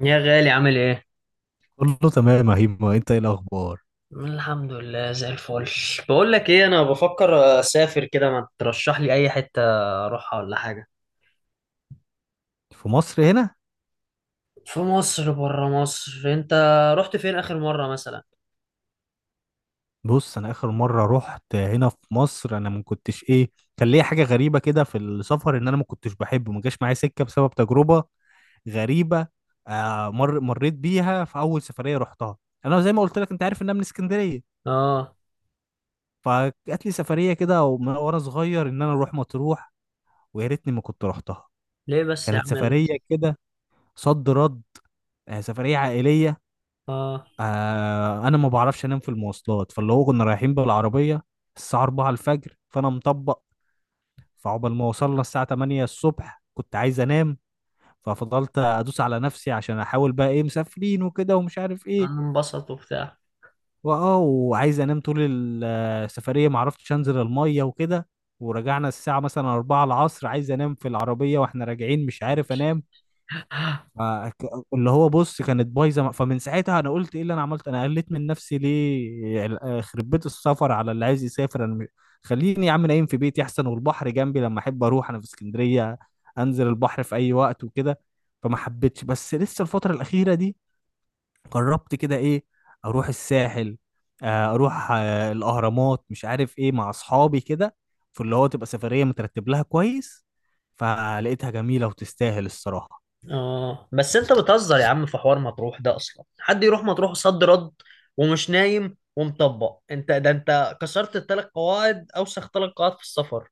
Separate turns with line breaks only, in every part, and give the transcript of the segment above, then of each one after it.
يا غالي عامل ايه؟
قول له تمام يا هيما، انت ايه الاخبار
الحمد لله زي الفل. بقول لك ايه، انا بفكر اسافر كده، ما ترشح لي اي حتة اروحها ولا حاجة.
في مصر هنا؟
في مصر، بره مصر انت، رحت فين اخر مرة مثلا؟
بص، انا اخر مره رحت هنا في مصر انا ما كنتش ايه. كان ليا حاجه غريبه كده في السفر ان انا ما كنتش بحبه، ما جاش معايا سكه بسبب تجربه غريبه. آه مر مريت بيها في اول سفريه رحتها. انا زي ما قلت لك، انت عارف ان انا من اسكندريه.
اه.
فجات لي سفريه كده ومن وانا صغير ان انا اروح مطروح، ويا ريتني ما كنت رحتها.
ليه بس يا
كانت
عم؟
سفريه كده صد رد. سفريه عائليه.
اه.
انا ما بعرفش انام في المواصلات، فاللي هو كنا رايحين بالعربيه الساعه 4 الفجر فانا مطبق. فعقبال ما وصلنا الساعه 8 الصبح كنت عايز انام. ففضلت ادوس على نفسي عشان احاول بقى ايه، مسافرين وكده ومش عارف ايه.
انا انبسط وبتاع.
وعايز انام طول السفريه، ما عرفتش انزل الميه وكده. ورجعنا الساعه مثلا 4 العصر عايز انام في العربيه واحنا راجعين مش عارف انام. ما- ك- اللي هو بص كانت بايظه. فمن ساعتها انا قلت ايه اللي انا عملته؟ انا قلت من نفسي ليه يعني خرب بيت السفر على اللي عايز يسافر؟ خليني يا عم نايم في بيتي احسن، والبحر جنبي لما احب اروح انا في اسكندريه انزل البحر في اي وقت وكده. فما حبيتش. بس لسه الفتره الاخيره دي قربت كده ايه اروح الساحل، اروح الاهرامات مش عارف ايه مع اصحابي كده، في اللي هو تبقى سفريه مترتب لها كويس. فلقيتها جميله وتستاهل الصراحه.
اه بس انت بتهزر يا عم في حوار مطروح ده، اصلا حد يروح مطروح صد رد ومش نايم ومطبق؟ انت ده انت كسرت الـ3 قواعد، اوسخ 3 قواعد في السفر.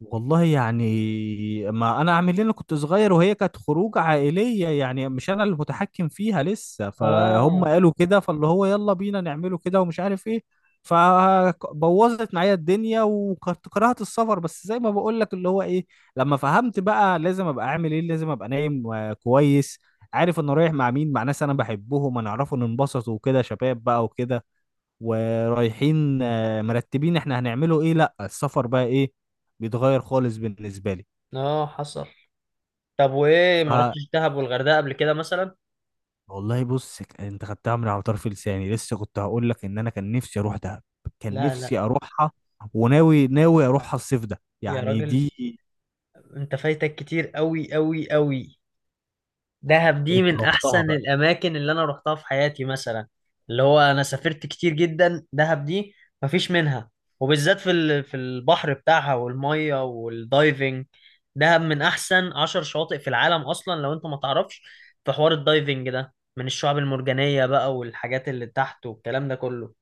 والله يعني ما انا اعمل إيه؟ انا كنت صغير وهي كانت خروج عائليه، يعني مش انا المتحكم فيها لسه، فهم
اه.
قالوا كده فاللي هو يلا بينا نعمله كده ومش عارف ايه. فبوظت معايا الدنيا وكنت كرهت السفر. بس زي ما بقول لك اللي هو ايه، لما فهمت بقى لازم ابقى اعمل ايه، لازم ابقى نايم كويس، عارف انا رايح مع مين، مع ناس انا بحبهم انا اعرفه ننبسط وكده شباب بقى وكده ورايحين مرتبين احنا هنعمله ايه، لا السفر بقى ايه بيتغير خالص بالنسبه لي.
اه حصل. طب وايه
ف
ما رحتش دهب والغردقه قبل كده مثلا؟
والله بص، انت خدتها من على طرف لساني. لسه كنت هقول لك ان انا كان نفسي اروح دهب، كان
لا لا.
نفسي اروحها وناوي ناوي اروحها الصيف ده
يا
يعني
راجل،
دي.
انت فايتك كتير قوي قوي قوي. دهب دي
انت
من
رحتها
احسن
بقى؟
الاماكن اللي انا رحتها في حياتي مثلا. اللي هو انا سافرت كتير جدا، دهب دي مفيش منها. وبالذات في في البحر بتاعها والميه والدايفنج. دهب من احسن 10 شواطئ في العالم اصلا لو انت ما تعرفش. في حوار الدايفنج ده من الشعاب المرجانيه بقى، والحاجات اللي تحت والكلام ده كله.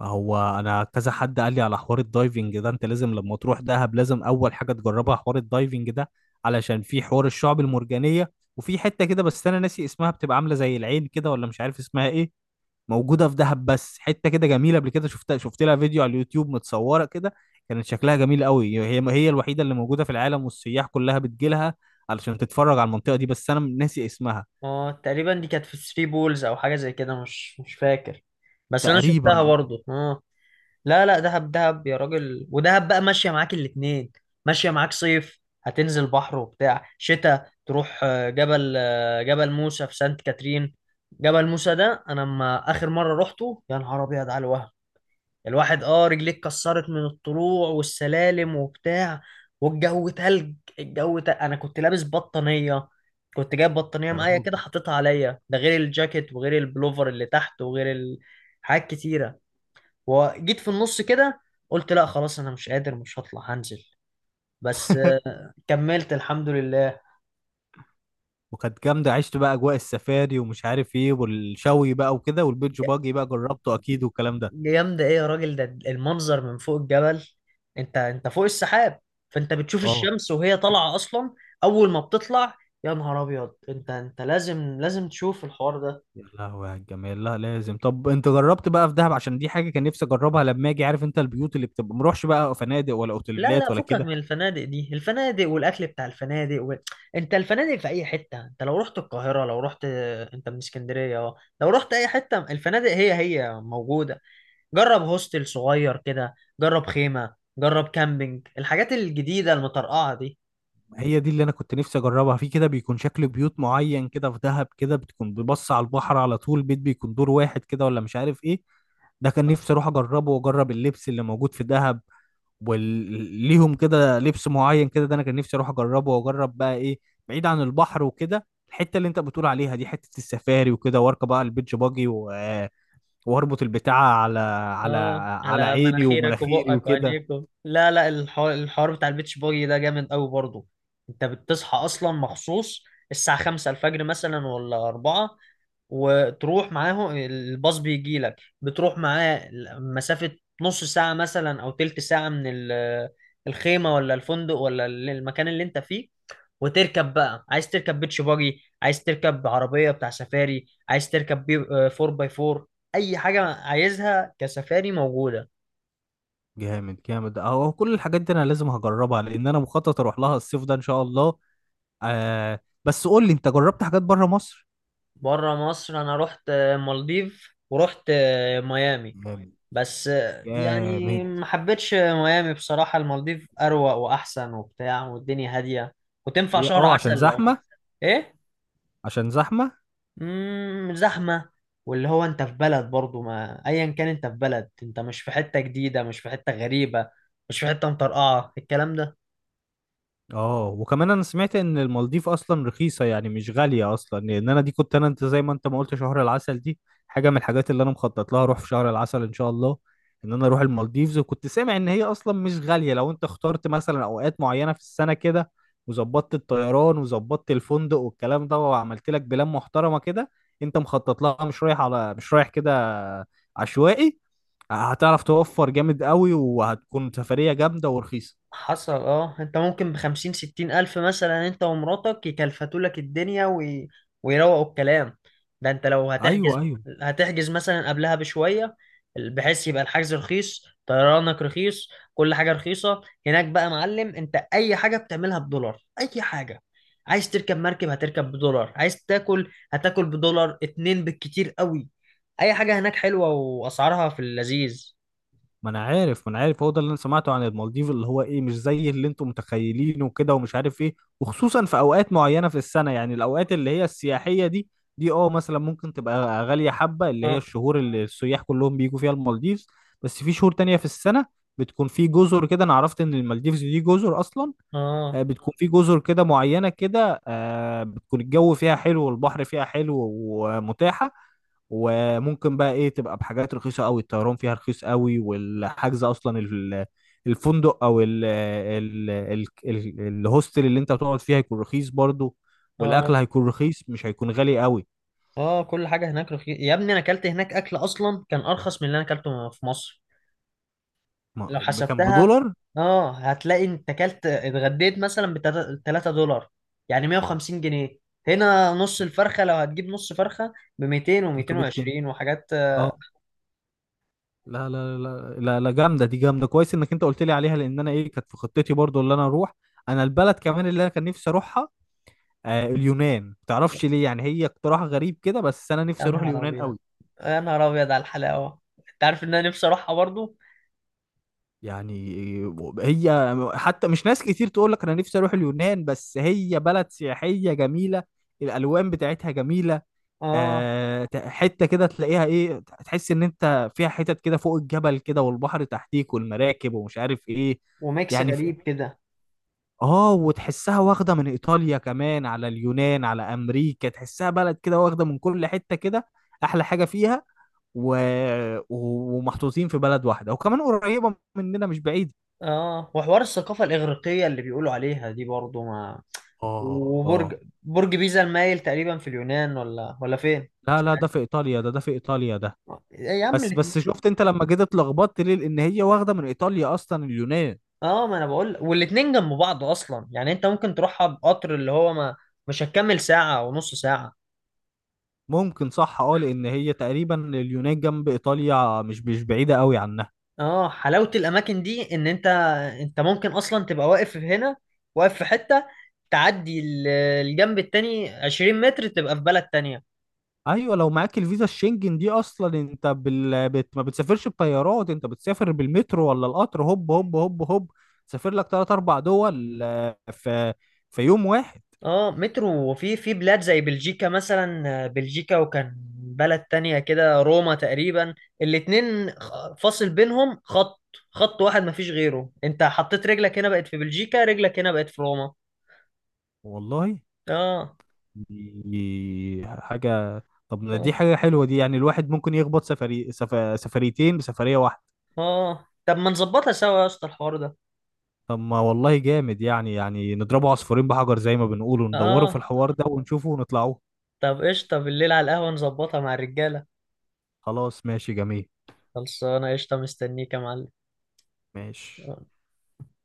هو انا كذا حد قال لي على حوار الدايفنج ده، انت لازم لما تروح دهب لازم اول حاجه تجربها حوار الدايفنج ده علشان في حوار الشعب المرجانيه. وفي حته كده، بس انا ناسي اسمها، بتبقى عامله زي العين كده ولا مش عارف اسمها ايه. موجوده في دهب بس حته كده جميله، قبل كده شفتها، شفت لها فيديو على اليوتيوب متصوره كده. كانت شكلها جميل قوي، هي هي الوحيده اللي موجوده في العالم والسياح كلها بتجي لها علشان تتفرج على المنطقه دي. بس انا ناسي اسمها.
اه تقريبا دي كانت في 3 بولز او حاجه زي كده، مش فاكر. بس انا شفتها
تقريبا اه.
برضو، اه. لا لا، دهب دهب يا راجل. ودهب بقى ماشيه معاك الاتنين. ماشيه معاك صيف هتنزل بحر وبتاع، شتاء تروح جبل، جبل موسى في سانت كاترين. جبل موسى ده انا لما اخر مره روحته، يا نهار ابيض على الوهم. الواحد رجليه اتكسرت من الطلوع والسلالم وبتاع. والجو تلج، الجو تلج. انا كنت لابس بطانية، كنت جايب بطانية
يا
معايا
راجل.
كده حطيتها عليا، ده غير الجاكيت وغير البلوفر اللي تحت وغير حاجات كتيرة. وجيت في النص كده قلت لا خلاص، انا مش قادر، مش هطلع هنزل. بس كملت الحمد لله.
وكانت جامدة، عشت بقى أجواء السفاري ومش عارف إيه والشوي بقى وكده والبيتش باجي بقى جربته أكيد والكلام ده.
جامدة ايه يا راجل؟ ده المنظر من فوق الجبل، انت فوق السحاب. فانت بتشوف
أه
الشمس وهي طالعة اصلا اول ما بتطلع. يا نهار ابيض، انت انت لازم لازم تشوف الحوار ده.
يا لهوي على الجمال. لا لازم. طب أنت جربت بقى في دهب؟ عشان دي حاجة كان نفسي أجربها لما أجي، عارف أنت البيوت اللي بتبقى، مروحش بقى فنادق ولا
لا لا،
أوتيلات ولا
فكك
كده؟
من الفنادق دي. الفنادق والاكل بتاع الفنادق انت الفنادق في اي حتة. انت لو رحت القاهرة، لو رحت انت من اسكندرية اه، لو رحت اي حتة، الفنادق هي هي موجودة. جرب هوستل صغير كده، جرب خيمة، جرب كامبينج، الحاجات الجديدة المطرقعة دي.
هي دي اللي أنا كنت نفسي أجربها، في كده بيكون شكل بيوت معين كده في دهب كده بتكون ببص على البحر على طول، بيت بيكون دور واحد كده ولا مش عارف إيه. ده كان نفسي اروح اجربه واجرب اللبس اللي موجود في دهب، وليهم كده لبس معين كده، ده انا كان نفسي اروح اجربه. واجرب بقى ايه بعيد عن البحر وكده الحته اللي انت بتقول عليها دي، حته السفاري وكده، واركب بقى البيتش باجي واربط البتاعه على على
اه
على
على
عيني
مناخيرك
ومناخيري
وبقك
وكده.
وعينيك لا لا، الحوار بتاع البيتش باجي ده جامد قوي برضه. انت بتصحى اصلا مخصوص الساعة 5 الفجر مثلا ولا 4. وتروح معاه، الباص بيجي لك بتروح معاه مسافة نص ساعة مثلا أو تلت ساعة من الخيمة ولا الفندق ولا المكان اللي انت فيه. وتركب بقى، عايز تركب بيتش باجي، عايز تركب عربية بتاع سفاري، عايز تركب بي 4 باي 4، أي حاجة عايزها كسفاري موجودة.
جامد جامد اهو، كل الحاجات دي انا لازم هجربها لان انا مخطط اروح لها الصيف ده ان شاء الله. آه بس قول لي انت جربت حاجات بره مصر؟
بره مصر أنا رحت مالديف ورحت ميامي.
جامد
بس
جامد.
يعني ما حبيتش ميامي بصراحة. المالديف أروق وأحسن وبتاع، والدنيا هادية، وتنفع
ليه؟
شهر
اه عشان
عسل لو...
زحمه؟
إيه؟
عشان زحمه.
زحمة. واللي هو انت في بلد برضو ما، ايا كان انت في بلد، انت مش في حتة جديدة، مش في حتة غريبة، مش في حتة مطرقعة الكلام ده.
اه وكمان انا سمعت ان المالديف اصلا رخيصه يعني مش غاليه اصلا، لان انا دي كنت انا، انت زي ما انت ما قلت شهر العسل دي حاجه من الحاجات اللي انا مخطط لها اروح في شهر العسل ان شاء الله، ان انا اروح المالديفز. وكنت سامع ان هي اصلا مش غاليه لو انت اخترت مثلا اوقات معينه في السنه كده، وظبطت الطيران وظبطت الفندق والكلام ده، وعملت لك بلان محترمه كده، انت مخطط لها، مش رايح على مش رايح كده عشوائي، هتعرف توفر جامد قوي، وهتكون سفريه جامده ورخيصه.
حصل. اه انت ممكن بخمسين ستين الف مثلا انت ومراتك يكلفتوا لك الدنيا ويروقوا الكلام. ده انت لو
ايوه
هتحجز،
ايوه.
هتحجز مثلا قبلها بشوية، بحيث يبقى الحجز رخيص، طيرانك رخيص، كل حاجة رخيصة. هناك بقى يا معلم، انت اي حاجة بتعملها بدولار، اي حاجة. عايز تركب مركب هتركب بدولار، عايز تاكل هتاكل بدولار اتنين بالكتير قوي. اي حاجة هناك حلوة، واسعارها في اللذيذ.
ما انا عارف، ما انا عارف هو ده اللي انا سمعته عن المالديف اللي هو ايه، مش زي اللي انتم متخيلينه وكده ومش عارف ايه. وخصوصا في اوقات معينه في السنه، يعني الاوقات اللي هي السياحيه دي، دي اه مثلا ممكن تبقى غاليه حبه، اللي هي
اه.
الشهور اللي السياح كلهم بيجوا فيها المالديفز. بس في شهور تانية في السنه بتكون في جزر كده، انا عرفت ان المالديفز دي جزر اصلا.
اه.
بتكون في جزر كده معينة كده، بتكون الجو فيها حلو والبحر فيها حلو ومتاحة. وممكن بقى ايه تبقى بحاجات رخيصة قوي، الطيران فيها رخيص قوي، والحجز اصلا الفندق او ال ال ال ال الهوستل اللي انت هتقعد فيها هيكون رخيص برضو،
اه.
والاكل هيكون رخيص مش هيكون غالي قوي.
اه كل حاجه هناك رخيصه يا ابني. انا اكلت هناك اكل اصلا كان ارخص من اللي انا اكلته في مصر. لو
ما كان
حسبتها،
بدولار.
اه هتلاقي انت اكلت اتغديت مثلا ب 3 دولار، يعني 150 جنيه. هنا نص الفرخه لو هتجيب نص فرخه ب 200
300 جنيه.
و220 وحاجات.
اه. لا لا لا لا لا. جامده دي، جامده كويس انك انت قلت لي عليها، لان انا ايه كانت في خطتي برضو اللي انا اروح، انا البلد كمان اللي انا كان نفسي اروحها. اليونان، تعرفش ليه يعني، هي اقتراح غريب كده بس انا
يا
نفسي اروح
نهار
اليونان
ابيض،
قوي.
يا نهار ابيض على الحلاوه. انت عارف ان انا نفسي اروحها برضو.
يعني هي حتى مش ناس كتير تقول لك انا نفسي اروح اليونان، بس هي بلد سياحيه جميله، الالوان بتاعتها جميله.
اه.
حته كده تلاقيها ايه، تحس ان انت فيها حتت كده فوق الجبل كده والبحر تحتيك والمراكب ومش عارف ايه،
وميكس
يعني
غريب كده.
اه وتحسها واخده من ايطاليا كمان على اليونان على امريكا، تحسها بلد كده واخده من كل حته كده احلى حاجه فيها، و... ومحطوطين في بلد واحده وكمان قريبه مننا مش بعيد.
اه وحوار الثقافة الإغريقية اللي بيقولوا عليها دي برضو ما.
اه اه.
وبرج، برج بيزا المايل تقريبا في اليونان ولا فين،
لا
مش
لا، ده
عارف.
في ايطاليا ده في ايطاليا ده.
إيه يا عم
بس
الاتنين.
بس شفت انت لما جيت اتلخبطت ليه؟ لان هي واخده من ايطاليا اصلا اليونان.
اه ما انا بقول، والاتنين جنب بعض اصلا. يعني انت ممكن تروحها بقطر، اللي هو ما، مش هتكمل ساعة ونص ساعة.
ممكن، صح اه، لان هي تقريبا اليونان جنب ايطاليا مش بعيده قوي عنها.
اه حلاوة الاماكن دي، ان انت ممكن اصلا تبقى واقف هنا، واقف في حتة، تعدي الجنب التاني 20 متر تبقى في بلد تانية.
ايوه، لو معاك الفيزا الشنجن دي اصلا، انت ما بتسافرش بطيارات، انت بتسافر بالمترو ولا القطر، هوب هوب هوب هوب تسافر لك 3 أو 4 دول في يوم واحد.
اه مترو، وفي بلاد زي بلجيكا مثلا، بلجيكا وكان بلد تانية كده، روما تقريبا. الاتنين فاصل بينهم خط، خط واحد مفيش غيره. انت حطيت رجلك هنا بقت في بلجيكا، رجلك هنا بقت في روما.
والله
اه.
دي حاجه. طب ما
اه.
دي حاجه حلوه دي، يعني الواحد ممكن يخبط سفريتين بسفريه واحده.
اه طب ما نظبطها سوا يا اسطى الحوار ده.
طب ما والله جامد، يعني نضربه عصفورين بحجر زي ما بنقول وندوره في
اه،
الحوار ده ونشوفه ونطلعوه.
طب قشطة، بالليل على القهوة نظبطها مع الرجالة.
خلاص ماشي جميل.
خلصانة، قشطة، مستنيك يا معلم.
ماشي.
آه.